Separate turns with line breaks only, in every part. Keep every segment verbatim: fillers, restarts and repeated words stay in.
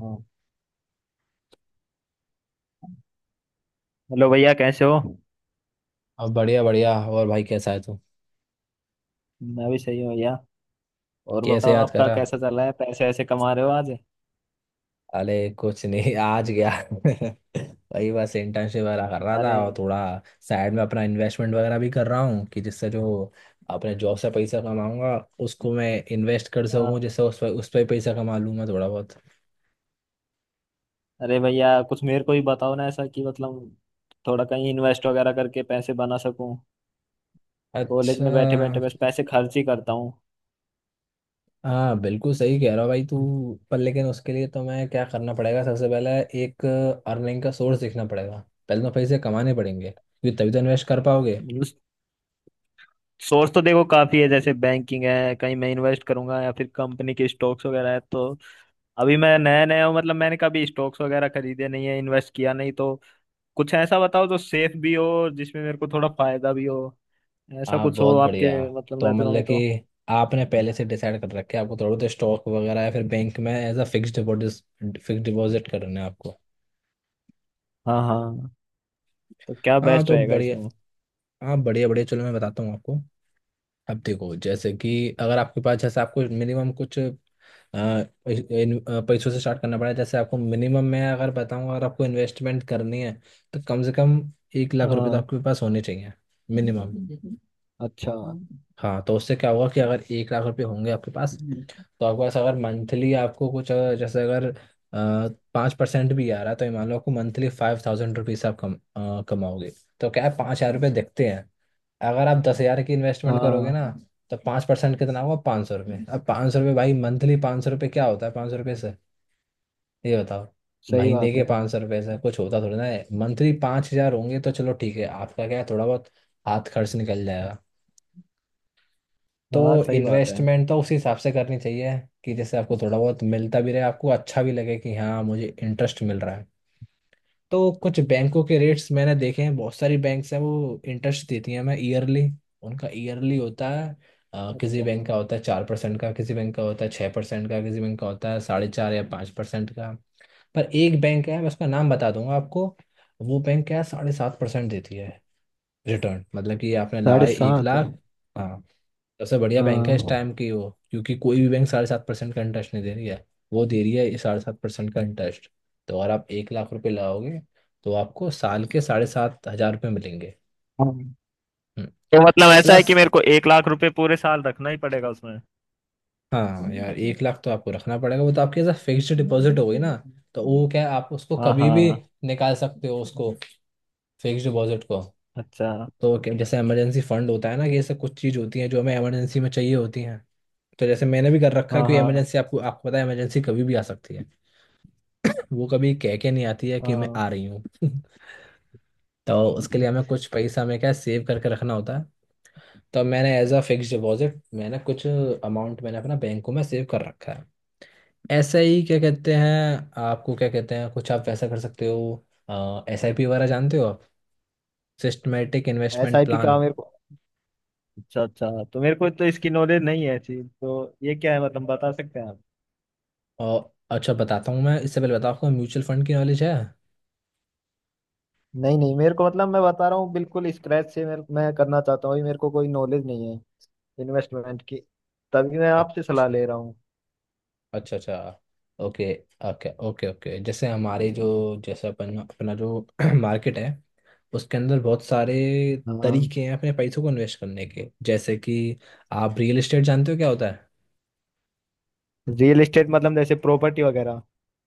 हाँ। हेलो भैया, कैसे हो?
अब बढ़िया बढ़िया और भाई कैसा है तू।
मैं भी सही हूँ भैया। और
कैसे
बताओ,
याद
आपका
करा?
कैसा चल रहा है? पैसे ऐसे कमा रहे हो आज?
अरे कुछ नहीं, आज गया वही बस इंटर्नशिप वगैरह कर रहा था,
अरे।
और थोड़ा साइड में अपना इन्वेस्टमेंट वगैरह भी कर रहा हूँ कि जिससे जो अपने जॉब से पैसा कमाऊंगा उसको मैं इन्वेस्ट कर सकूँ,
हाँ।
जिससे उस पर उस पर ही पैसा कमा लूँ मैं थोड़ा बहुत।
अरे भैया, कुछ मेरे को ही बताओ ना, ऐसा कि मतलब थोड़ा कहीं इन्वेस्ट वगैरह करके पैसे बना सकूं। कॉलेज
अच्छा।
में बैठे बैठे बस पैसे खर्च ही करता हूँ।
हाँ, बिल्कुल सही कह रहा भाई तू। पर लेकिन उसके लिए तो मैं क्या करना पड़ेगा सबसे पहले, एक अर्निंग का सोर्स देखना पड़ेगा। पहले तो पैसे कमाने पड़ेंगे क्योंकि तभी तो इन्वेस्ट कर पाओगे।
मतलब सोर्स तो देखो काफी है, जैसे बैंकिंग है, कहीं मैं इन्वेस्ट करूंगा या फिर कंपनी के स्टॉक्स वगैरह है, तो अभी मैं नया नया हूँ। मतलब मैंने कभी स्टॉक्स वगैरह खरीदे नहीं है, इन्वेस्ट किया नहीं, तो कुछ ऐसा बताओ जो सेफ भी हो और जिसमें मेरे को थोड़ा फायदा भी हो। ऐसा
आप
कुछ हो
बहुत
आपके
बढ़िया।
मतलब
तो
नजरों में
मतलब कि
तो।
आपने पहले से डिसाइड कर रखे, आपको थोड़ा तो स्टॉक वगैरह या फिर बैंक में as a fix deposit fix deposit करना है आपको।
हाँ हाँ। तो क्या
हाँ
बेस्ट
तो
रहेगा
बढ़िया।
इसमें?
हाँ, बढ़िया बढ़िया, चलो मैं बताता हूँ आपको। अब देखो जैसे कि अगर आपके पास, जैसे आपको मिनिमम कुछ आ, इस- इन- आ, पैसों से स्टार्ट करना पड़ा, जैसे आपको मिनिमम मैं अगर बताऊं, अगर आपको इन्वेस्टमेंट करनी है तो कम से कम एक लाख रुपए तो
हाँ।
आपके पास होने चाहिए मिनिमम।
अच्छा।
हाँ, तो उससे क्या होगा कि अगर एक लाख रुपए होंगे आपके पास, तो आपके पास अगर मंथली आपको कुछ, अगर जैसे अगर पाँच परसेंट भी आ रहा है तो ये मान लो, आपको मंथली फाइव थाउजेंड रुपीज आप कम अ, कमाओगे। तो क्या है, पाँच हजार रुपये दिखते हैं। अगर आप दस हजार की इन्वेस्टमेंट करोगे
हाँ
ना, तो पाँच परसेंट कितना होगा? पाँच सौ रुपये। अब पाँच सौ रुपये, भाई मंथली पाँच सौ रुपये क्या होता है? पाँच सौ रुपये से ये बताओ,
सही
महीने
बात
के
है।
पाँच सौ रुपये से कुछ होता थोड़ी ना है। मंथली पाँच हजार होंगे तो चलो ठीक है, आपका क्या है, थोड़ा बहुत हाथ खर्च निकल जाएगा। तो
हाँ सही बात है।
इन्वेस्टमेंट तो उस हिसाब से करनी चाहिए कि जैसे आपको थोड़ा बहुत मिलता भी रहे, आपको अच्छा भी लगे कि हाँ मुझे इंटरेस्ट मिल रहा है। तो कुछ बैंकों के रेट्स मैंने देखे हैं, बहुत सारी बैंक्स हैं वो इंटरेस्ट देती हैं हमें ईयरली। उनका ईयरली होता है। अ, किसी
अच्छा।
बैंक का होता है चार परसेंट का, किसी बैंक का होता है छः परसेंट का, किसी बैंक का होता है साढ़े चार या पाँच परसेंट का। पर एक बैंक है, मैं उसका नाम बता दूंगा आपको। वो बैंक क्या है, साढ़े सात परसेंट देती है रिटर्न। मतलब कि आपने
साढ़े
लगाए एक
सात
लाख हाँ। सबसे बढ़िया बैंक है इस
हाँ।
टाइम की वो, क्योंकि कोई भी बैंक साढ़े सात परसेंट का इंटरेस्ट नहीं दे रही है। वो दे रही है साढ़े सात परसेंट का इंटरेस्ट। तो अगर आप एक लाख रुपए लगाओगे तो आपको साल के साढ़े सात हजार रुपये मिलेंगे।
हाँ।
हम्म,
तो मतलब ऐसा है कि
प्लस।
मेरे को एक लाख रुपए पूरे साल रखना ही पड़ेगा उसमें?
हाँ यार, एक लाख तो आपको रखना पड़ेगा, वो तो आपकी ऐसा फिक्स्ड डिपॉजिट हो गई ना। तो वो क्या है, आप उसको
हाँ
कभी भी
हाँ।
निकाल सकते हो उसको, फिक्स्ड डिपॉजिट को।
अच्छा।
तो क्या- जैसे इमरजेंसी फंड होता है ना, कि ऐसे कुछ चीज़ होती हैं जो हमें इमरजेंसी में चाहिए होती हैं। तो जैसे मैंने भी कर रखा है
हाँ
कि
हाँ।
इमरजेंसी, आपको आपको पता है इमरजेंसी कभी भी आ सकती है, वो कभी कह के नहीं आती है कि मैं
हाँ।
आ रही हूँ तो उसके लिए हमें कुछ पैसा हमें क्या सेव करके रखना होता है। तो मैंने एज अ फिक्स डिपॉजिट मैंने कुछ अमाउंट मैंने अपना बैंकों में सेव कर रखा है। ऐसा ही क्या कहते हैं, आपको क्या कहते हैं, कुछ आप वैसा कर सकते हो एस आई पी वगैरह, जानते हो आप? Systematic
S
investment
I P का
प्लान।
मेरे को। अच्छा अच्छा, तो मेरे को तो इसकी नॉलेज नहीं है ऐसी। तो ये क्या है मतलब, बता सकते हैं आप?
और अच्छा बताता हूँ, मैं इससे पहले बताओ आपको म्यूचुअल फंड की नॉलेज है?
नहीं नहीं, मेरे को मतलब मैं बता रहा हूँ बिल्कुल स्क्रैच से, मेरे, मैं करना चाहता हूँ। अभी मेरे को कोई नॉलेज नहीं है इन्वेस्टमेंट की, तभी मैं आपसे सलाह
अच्छा
ले रहा हूँ।
अच्छा अच्छा। Okay okay okay okay. जैसे हमारे जो जैसे अपन अपना जो मार्केट है, उसके अंदर बहुत सारे
हाँ।
तरीके हैं अपने पैसों को इन्वेस्ट करने के, जैसे कि आप रियल एस्टेट जानते हो क्या होता है?
रियल एस्टेट मतलब जैसे प्रॉपर्टी वगैरह।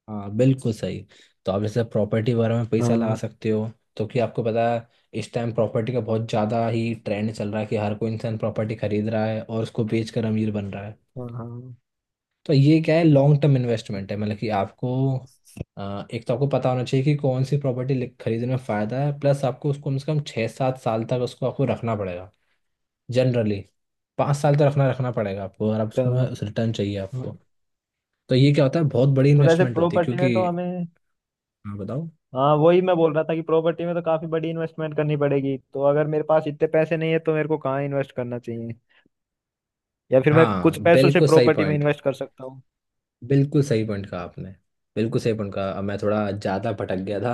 हाँ बिल्कुल सही। तो आप जैसे प्रॉपर्टी वगैरह में पैसा लगा
हाँ
सकते हो। तो कि आपको पता है इस टाइम प्रॉपर्टी का बहुत ज़्यादा ही ट्रेंड चल रहा है कि हर कोई इंसान प्रॉपर्टी खरीद रहा है और उसको बेच कर अमीर बन रहा है।
हाँ। हाँ
तो ये क्या है, लॉन्ग टर्म इन्वेस्टमेंट है। मतलब कि आपको अ, एक तो आपको पता होना चाहिए कि कौन सी प्रॉपर्टी खरीदने में फ़ायदा है, प्लस आपको उसको कम से कम छः सात साल तक उसको आपको रखना पड़ेगा। जनरली पाँच साल तक रखना रखना पड़ेगा आपको, अगर आप
तो।
उसको रिटर्न चाहिए
हाँ।
आपको। तो ये क्या होता है, बहुत बड़ी
तो जैसे
इन्वेस्टमेंट होती है
प्रॉपर्टी में
क्योंकि।
तो हमें।
हाँ बताओ।
हाँ, वही मैं बोल रहा था कि प्रॉपर्टी में तो काफी बड़ी इन्वेस्टमेंट करनी पड़ेगी, तो अगर मेरे पास इतने पैसे नहीं है तो मेरे को कहाँ इन्वेस्ट करना चाहिए, या फिर मैं
हाँ
कुछ पैसों से
बिल्कुल सही
प्रॉपर्टी में
पॉइंट,
इन्वेस्ट कर सकता हूँ?
बिल्कुल सही पॉइंट कहा आपने। बिल्कुल सही पॉइंट कहा, अब मैं थोड़ा ज़्यादा भटक गया था।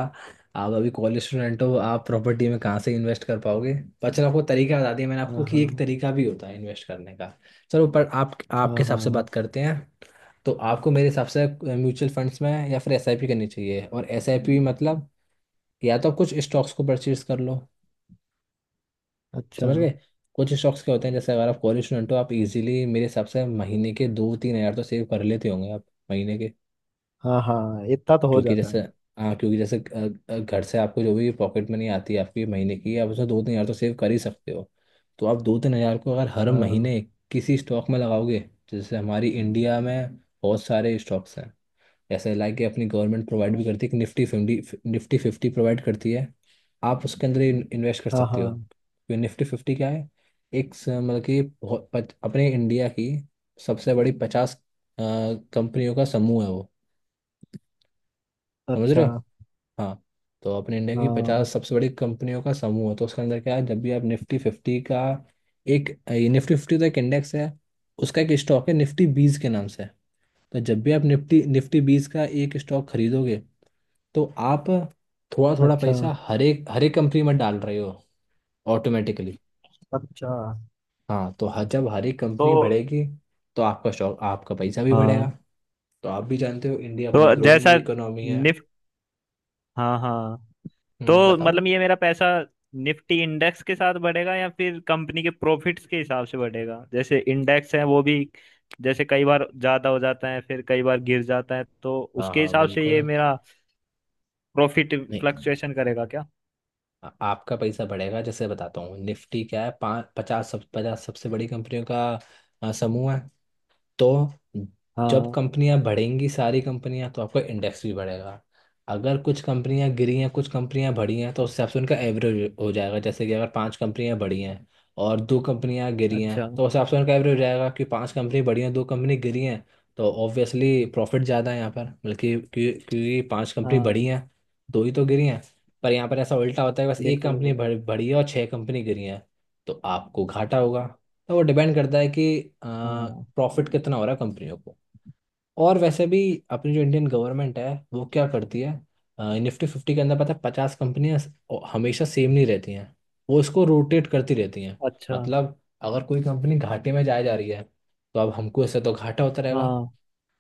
आप अभी कॉलेज स्टूडेंट हो, आप प्रॉपर्टी में कहाँ से इन्वेस्ट कर पाओगे। पर चलो, आपको तरीका बता दिया मैंने
हाँ
आपको कि
हाँ।
एक तरीका भी होता है इन्वेस्ट करने का। चलो, पर आप आपके
हाँ
हिसाब से
हाँ।
बात करते हैं। तो आपको मेरे हिसाब से म्यूचुअल फंड्स में या फिर एसआईपी करनी चाहिए, और एसआईपी मतलब, या तो आप कुछ स्टॉक्स को परचेज कर लो।
अच्छा।
समझ गए? कुछ स्टॉक्स क्या होते हैं, जैसे अगर आप कॉलेज स्टूडेंट हो, आप इजीली मेरे हिसाब से महीने के दो तीन हज़ार तो सेव कर लेते होंगे आप, महीने के।
हाँ हाँ, इतना तो हो
क्योंकि
जाता
जैसे,
है।
हाँ क्योंकि जैसे अ, अ, घर से आपको जो भी पॉकेट मनी आती है आपकी महीने की, आप उसमें दो तीन हज़ार तो सेव कर ही सकते हो। तो आप दो तीन हज़ार को अगर हर
हाँ।
महीने किसी स्टॉक में लगाओगे, जैसे हमारी इंडिया में बहुत सारे स्टॉक्स हैं, जैसे लाइक कि अपनी गवर्नमेंट प्रोवाइड भी करती है कि Nifty fifty, Nifty fifty provide करती है। आप उसके अंदर इन्वेस्ट कर
हाँ।
सकते
हाँ।
हो, क्योंकि निफ्टी फिफ्टी क्या है, एक स- मतलब कि बहुत पच- अपने इंडिया की सबसे बड़ी पचास कंपनियों का समूह है वो। समझ रहे
अच्छा।
हो? हाँ। तो अपने इंडिया की
हाँ।
पचास सबसे बड़ी कंपनियों का समूह है। तो उसके अंदर क्या है, जब भी आप निफ्टी फिफ्टी का एक, निफ्टी फिफ्टी तो एक इंडेक्स है, उसका एक स्टॉक है निफ्टी बीस के नाम से। तो जब भी आप निफ्टी निफ्टी बीस का एक स्टॉक खरीदोगे, तो आप थोड़ा थोड़ा
अच्छा
पैसा हर एक हर एक कंपनी में डाल रहे हो ऑटोमेटिकली।
अच्छा।
हाँ, तो हर जब हर एक
तो
कंपनी बढ़ेगी तो आपका स्टॉक, आपका पैसा भी बढ़ेगा।
हाँ।
तो आप भी जानते हो इंडिया अपनी
तो
ग्रोइंग
जैसा
इकोनॉमी है।
निफ्ट हाँ हाँ।
हम्म,
तो
बताओ।
मतलब ये मेरा पैसा निफ्टी इंडेक्स के साथ बढ़ेगा या फिर कंपनी के प्रॉफिट्स के हिसाब से बढ़ेगा? जैसे इंडेक्स है वो भी, जैसे कई बार ज्यादा हो जाता है फिर कई बार गिर जाता है, तो
हाँ
उसके
हाँ
हिसाब से ये
बिल्कुल,
मेरा प्रॉफिट
नहीं
फ्लक्चुएशन करेगा क्या?
आ- आपका पैसा बढ़ेगा। जैसे बताता हूँ, निफ्टी क्या है, पाँच पचास सब पचास सबसे बड़ी कंपनियों का आ, समूह है। तो जब
हाँ।
कंपनियां बढ़ेंगी सारी कंपनियां, तो आपका इंडेक्स भी बढ़ेगा। अगर कुछ कंपनियां गिरी हैं कुछ कंपनियां बढ़ी हैं, तो उस हिसाब से उनका एवरेज हो जाएगा, जैसे कि अगर पांच कंपनियां बढ़ी हैं और दो कंपनियां गिरी हैं,
अच्छा।
तो उस हिसाब से उनका एवरेज हो जाएगा कि पांच कंपनी बढ़ी हैं, दो कंपनी गिरी हैं, तो ऑब्वियसली प्रॉफिट ज़्यादा है यहाँ पर। बल्कि क्यों- क्योंकि पांच कंपनी बढ़ी
हाँ
हैं, दो ही तो गिरी हैं। पर यहाँ पर ऐसा उल्टा होता है कि बस एक
बिल्कुल
कंपनी
बिल्कुल।
बढ़ बढ़ी है और छह कंपनी गिरी हैं, तो आपको घाटा होगा। तो वो डिपेंड करता है कि
हाँ।
प्रॉफिट कितना हो रहा है कंपनियों को। और वैसे भी, अपनी जो इंडियन गवर्नमेंट है वो क्या करती है, निफ्टी फिफ्टी के अंदर पता है, पचास कंपनियां हमेशा सेम नहीं रहती हैं, वो इसको रोटेट करती रहती हैं।
अच्छा।
मतलब अगर कोई कंपनी घाटे में जाए जा रही है तो अब हमको इससे तो घाटा होता रहेगा।
हाँ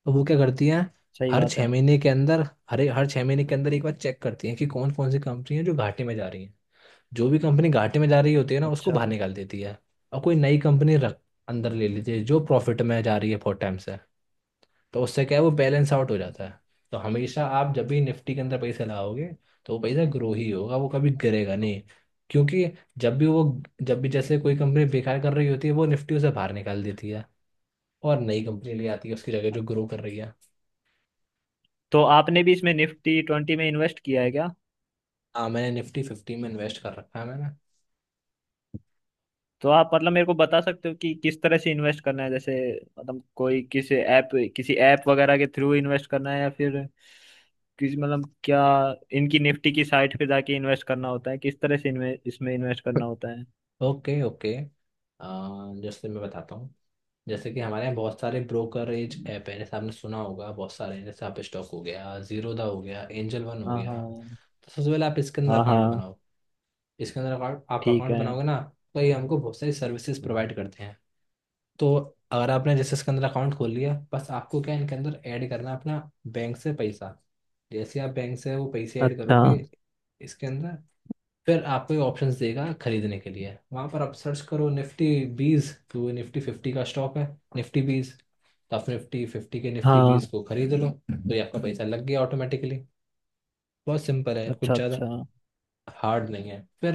तो वो क्या करती हैं,
सही
हर
बात है।
छः महीने के अंदर, हर हर छः महीने के अंदर एक बार चेक करती हैं कि कौन कौन सी कंपनी है जो घाटे में जा रही हैं। जो भी कंपनी घाटे में जा रही होती है ना उसको
अच्छा।
बाहर निकाल देती है, और कोई नई कंपनी रख, अंदर ले लीजिए जो प्रॉफिट में जा रही है फोर टाइम। तो उससे क्या है, वो बैलेंस आउट हो जाता है। तो हमेशा आप जब भी निफ्टी के अंदर पैसे लगाओगे, तो वो पैसा ग्रो ही होगा, वो कभी गिरेगा नहीं। क्योंकि जब भी वो, जब भी जैसे कोई कंपनी बेकार कर रही होती है वो निफ्टी उसे बाहर निकाल देती है, और नई कंपनी ले आती है उसकी जगह जो ग्रो कर रही है।
तो आपने भी इसमें निफ्टी ट्वेंटी में इन्वेस्ट किया है क्या?
हाँ, मैंने निफ्टी फिफ्टी में इन्वेस्ट कर रखा है मैंने।
तो आप मतलब मेरे को बता सकते हो कि किस तरह से इन्वेस्ट करना है, जैसे मतलब कोई किसी ऐप, किसी ऐप वगैरह के थ्रू इन्वेस्ट करना है, या फिर किसी मतलब क्या, इनकी निफ्टी की साइट पे जाके इन्वेस्ट करना होता है? किस तरह से इनमें इसमें इन्वेस्ट करना होता है?
ओके ओके, अ, जैसे मैं बताता हूँ। जैसे कि हमारे यहाँ बहुत सारे ब्रोकरेज ऐप है, जैसे आपने सुना होगा बहुत सारे हैं, जैसे आप स्टॉक हो गया, जीरोधा हो गया, एंजल वन हो
हाँ
गया।
हाँ।
तो सबसे पहले आप इसके अंदर
हाँ
अकाउंट
हाँ।
बनाओ। इसके अंदर अकाउंट, आप
ठीक
अकाउंट
है।
बनाओगे ना, तो ये हमको बहुत सारी सर्विसेज प्रोवाइड करते हैं। तो अगर आपने जैसे इसके अंदर अकाउंट खोल लिया, बस आपको क्या है, इनके अंदर ऐड करना है अपना बैंक से पैसा। जैसे आप बैंक से वो पैसे ऐड
अच्छा।
करोगे इसके अंदर, फिर आपको ये ऑप्शंस देगा खरीदने के लिए। वहाँ पर आप सर्च करो निफ्टी बीस, तो वो निफ्टी फिफ्टी का स्टॉक है निफ्टी बीस। तो आप निफ्टी फिफ्टी के निफ्टी
हाँ।
बीस को खरीद लो, तो ये आपका पैसा लग गया ऑटोमेटिकली। बहुत सिंपल है, कुछ
अच्छा
ज़्यादा
अच्छा।
हार्ड नहीं है। फिर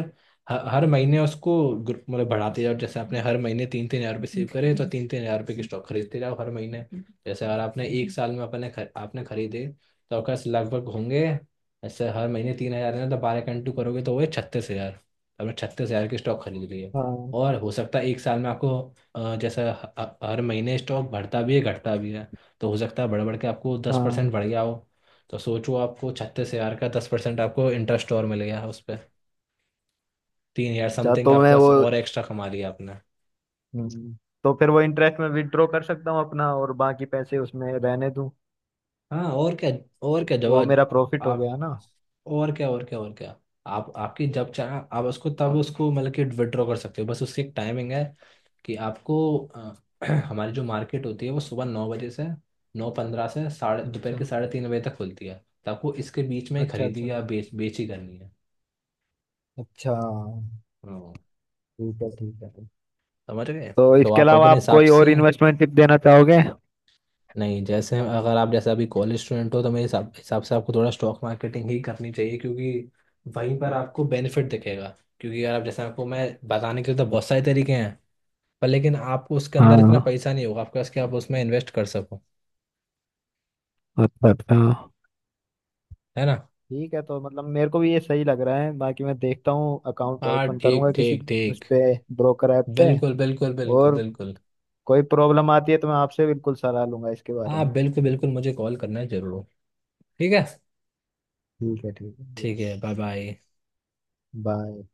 ह- हर महीने उसको ग्रुप मतलब बढ़ाते जाओ, जैसे आपने हर महीने तीन तीन हजार रुपये सेव करे तो तीन तीन हजार रुपये के स्टॉक खरीदते जाओ हर महीने। जैसे अगर आपने एक साल में अपने खर, आपने खरीदे, तो आपके पास लगभग होंगे, ऐसे हर महीने तीन हजार है तो बारह कंटू करोगे तो वो छत्तीस हजार। आपने छत्तीस हजार के स्टॉक खरीद लिए।
हाँ
और हो सकता है एक साल में आपको अ, जैसा ह- ह- हर महीने स्टॉक बढ़ता भी है घटता भी है। तो हो सकता है बढ़ बढ़ के आपको दस परसेंट
हाँ।
बढ़ गया हो। तो सोचो, आपको छत्तीस हजार का दस परसेंट आपको इंटरेस्ट और मिल गया उस पर। तीन यार
अच्छा
समथिंग
तो
आपके
मैं
पास
वो
और एक्स्ट्रा कमा लिया आपने।
हम्म, तो फिर वो इंटरेस्ट में विड्रॉ कर सकता हूँ अपना और बाकी पैसे उसमें रहने दूँ?
हाँ और क्या, और
तो
क्या
वो
जवाब
मेरा प्रॉफिट हो
आप
गया ना?
आप- और क्या और क्या और क्या। आप, आपकी जब चाहे आप उसको तब उसको मतलब कि विड्रॉ कर सकते हो, बस उसकी एक टाइमिंग है कि आपको अ, हमारी जो मार्केट होती है वो सुबह नौ बजे से, नौ पंद्रह से साढ़े दोपहर
अच्छा
के साढ़े तीन बजे तक खुलती है। तो आपको इसके बीच में
अच्छा। अच्छा
खरीदी या बेच बेची करनी है।
अच्छा।
हाँ,
ठीक है ठीक है।
समझ गए।
तो
तो
इसके
आप
अलावा
अपने
आप
हिसाब
कोई
से,
और इन्वेस्टमेंट टिप देना चाहोगे?
नहीं जैसे अगर आप जैसे अभी कॉलेज स्टूडेंट हो तो मेरे हिसाब हिसाब से आपको थोड़ा स्टॉक मार्केटिंग ही करनी चाहिए, क्योंकि वहीं पर आपको बेनिफिट दिखेगा। क्योंकि अगर आप जैसे आपको मैं बताने के लिए तो बहुत सारे तरीके हैं, पर लेकिन आपको उसके अंदर इतना
हाँ।
पैसा नहीं होगा आपके पास कि आप उसमें इन्वेस्ट कर सको।
अच्छा अच्छा।
है ना।
ठीक है। तो मतलब मेरे को भी ये सही लग रहा है, बाकी मैं देखता हूँ, अकाउंट
हाँ
ओपन करूंगा
ठीक
किसी
ठीक
उस
ठीक।
पे ब्रोकर ऐप पे,
बिल्कुल बिल्कुल बिल्कुल
और
बिल्कुल।
कोई प्रॉब्लम आती है तो मैं आपसे बिल्कुल सलाह लूंगा इसके बारे
आप
में।
बिल्कुल बिल्कुल मुझे कॉल करना जरूर, ठीक है।
ठीक है ठीक है।
ठीक है, बाय बाय।
बाय।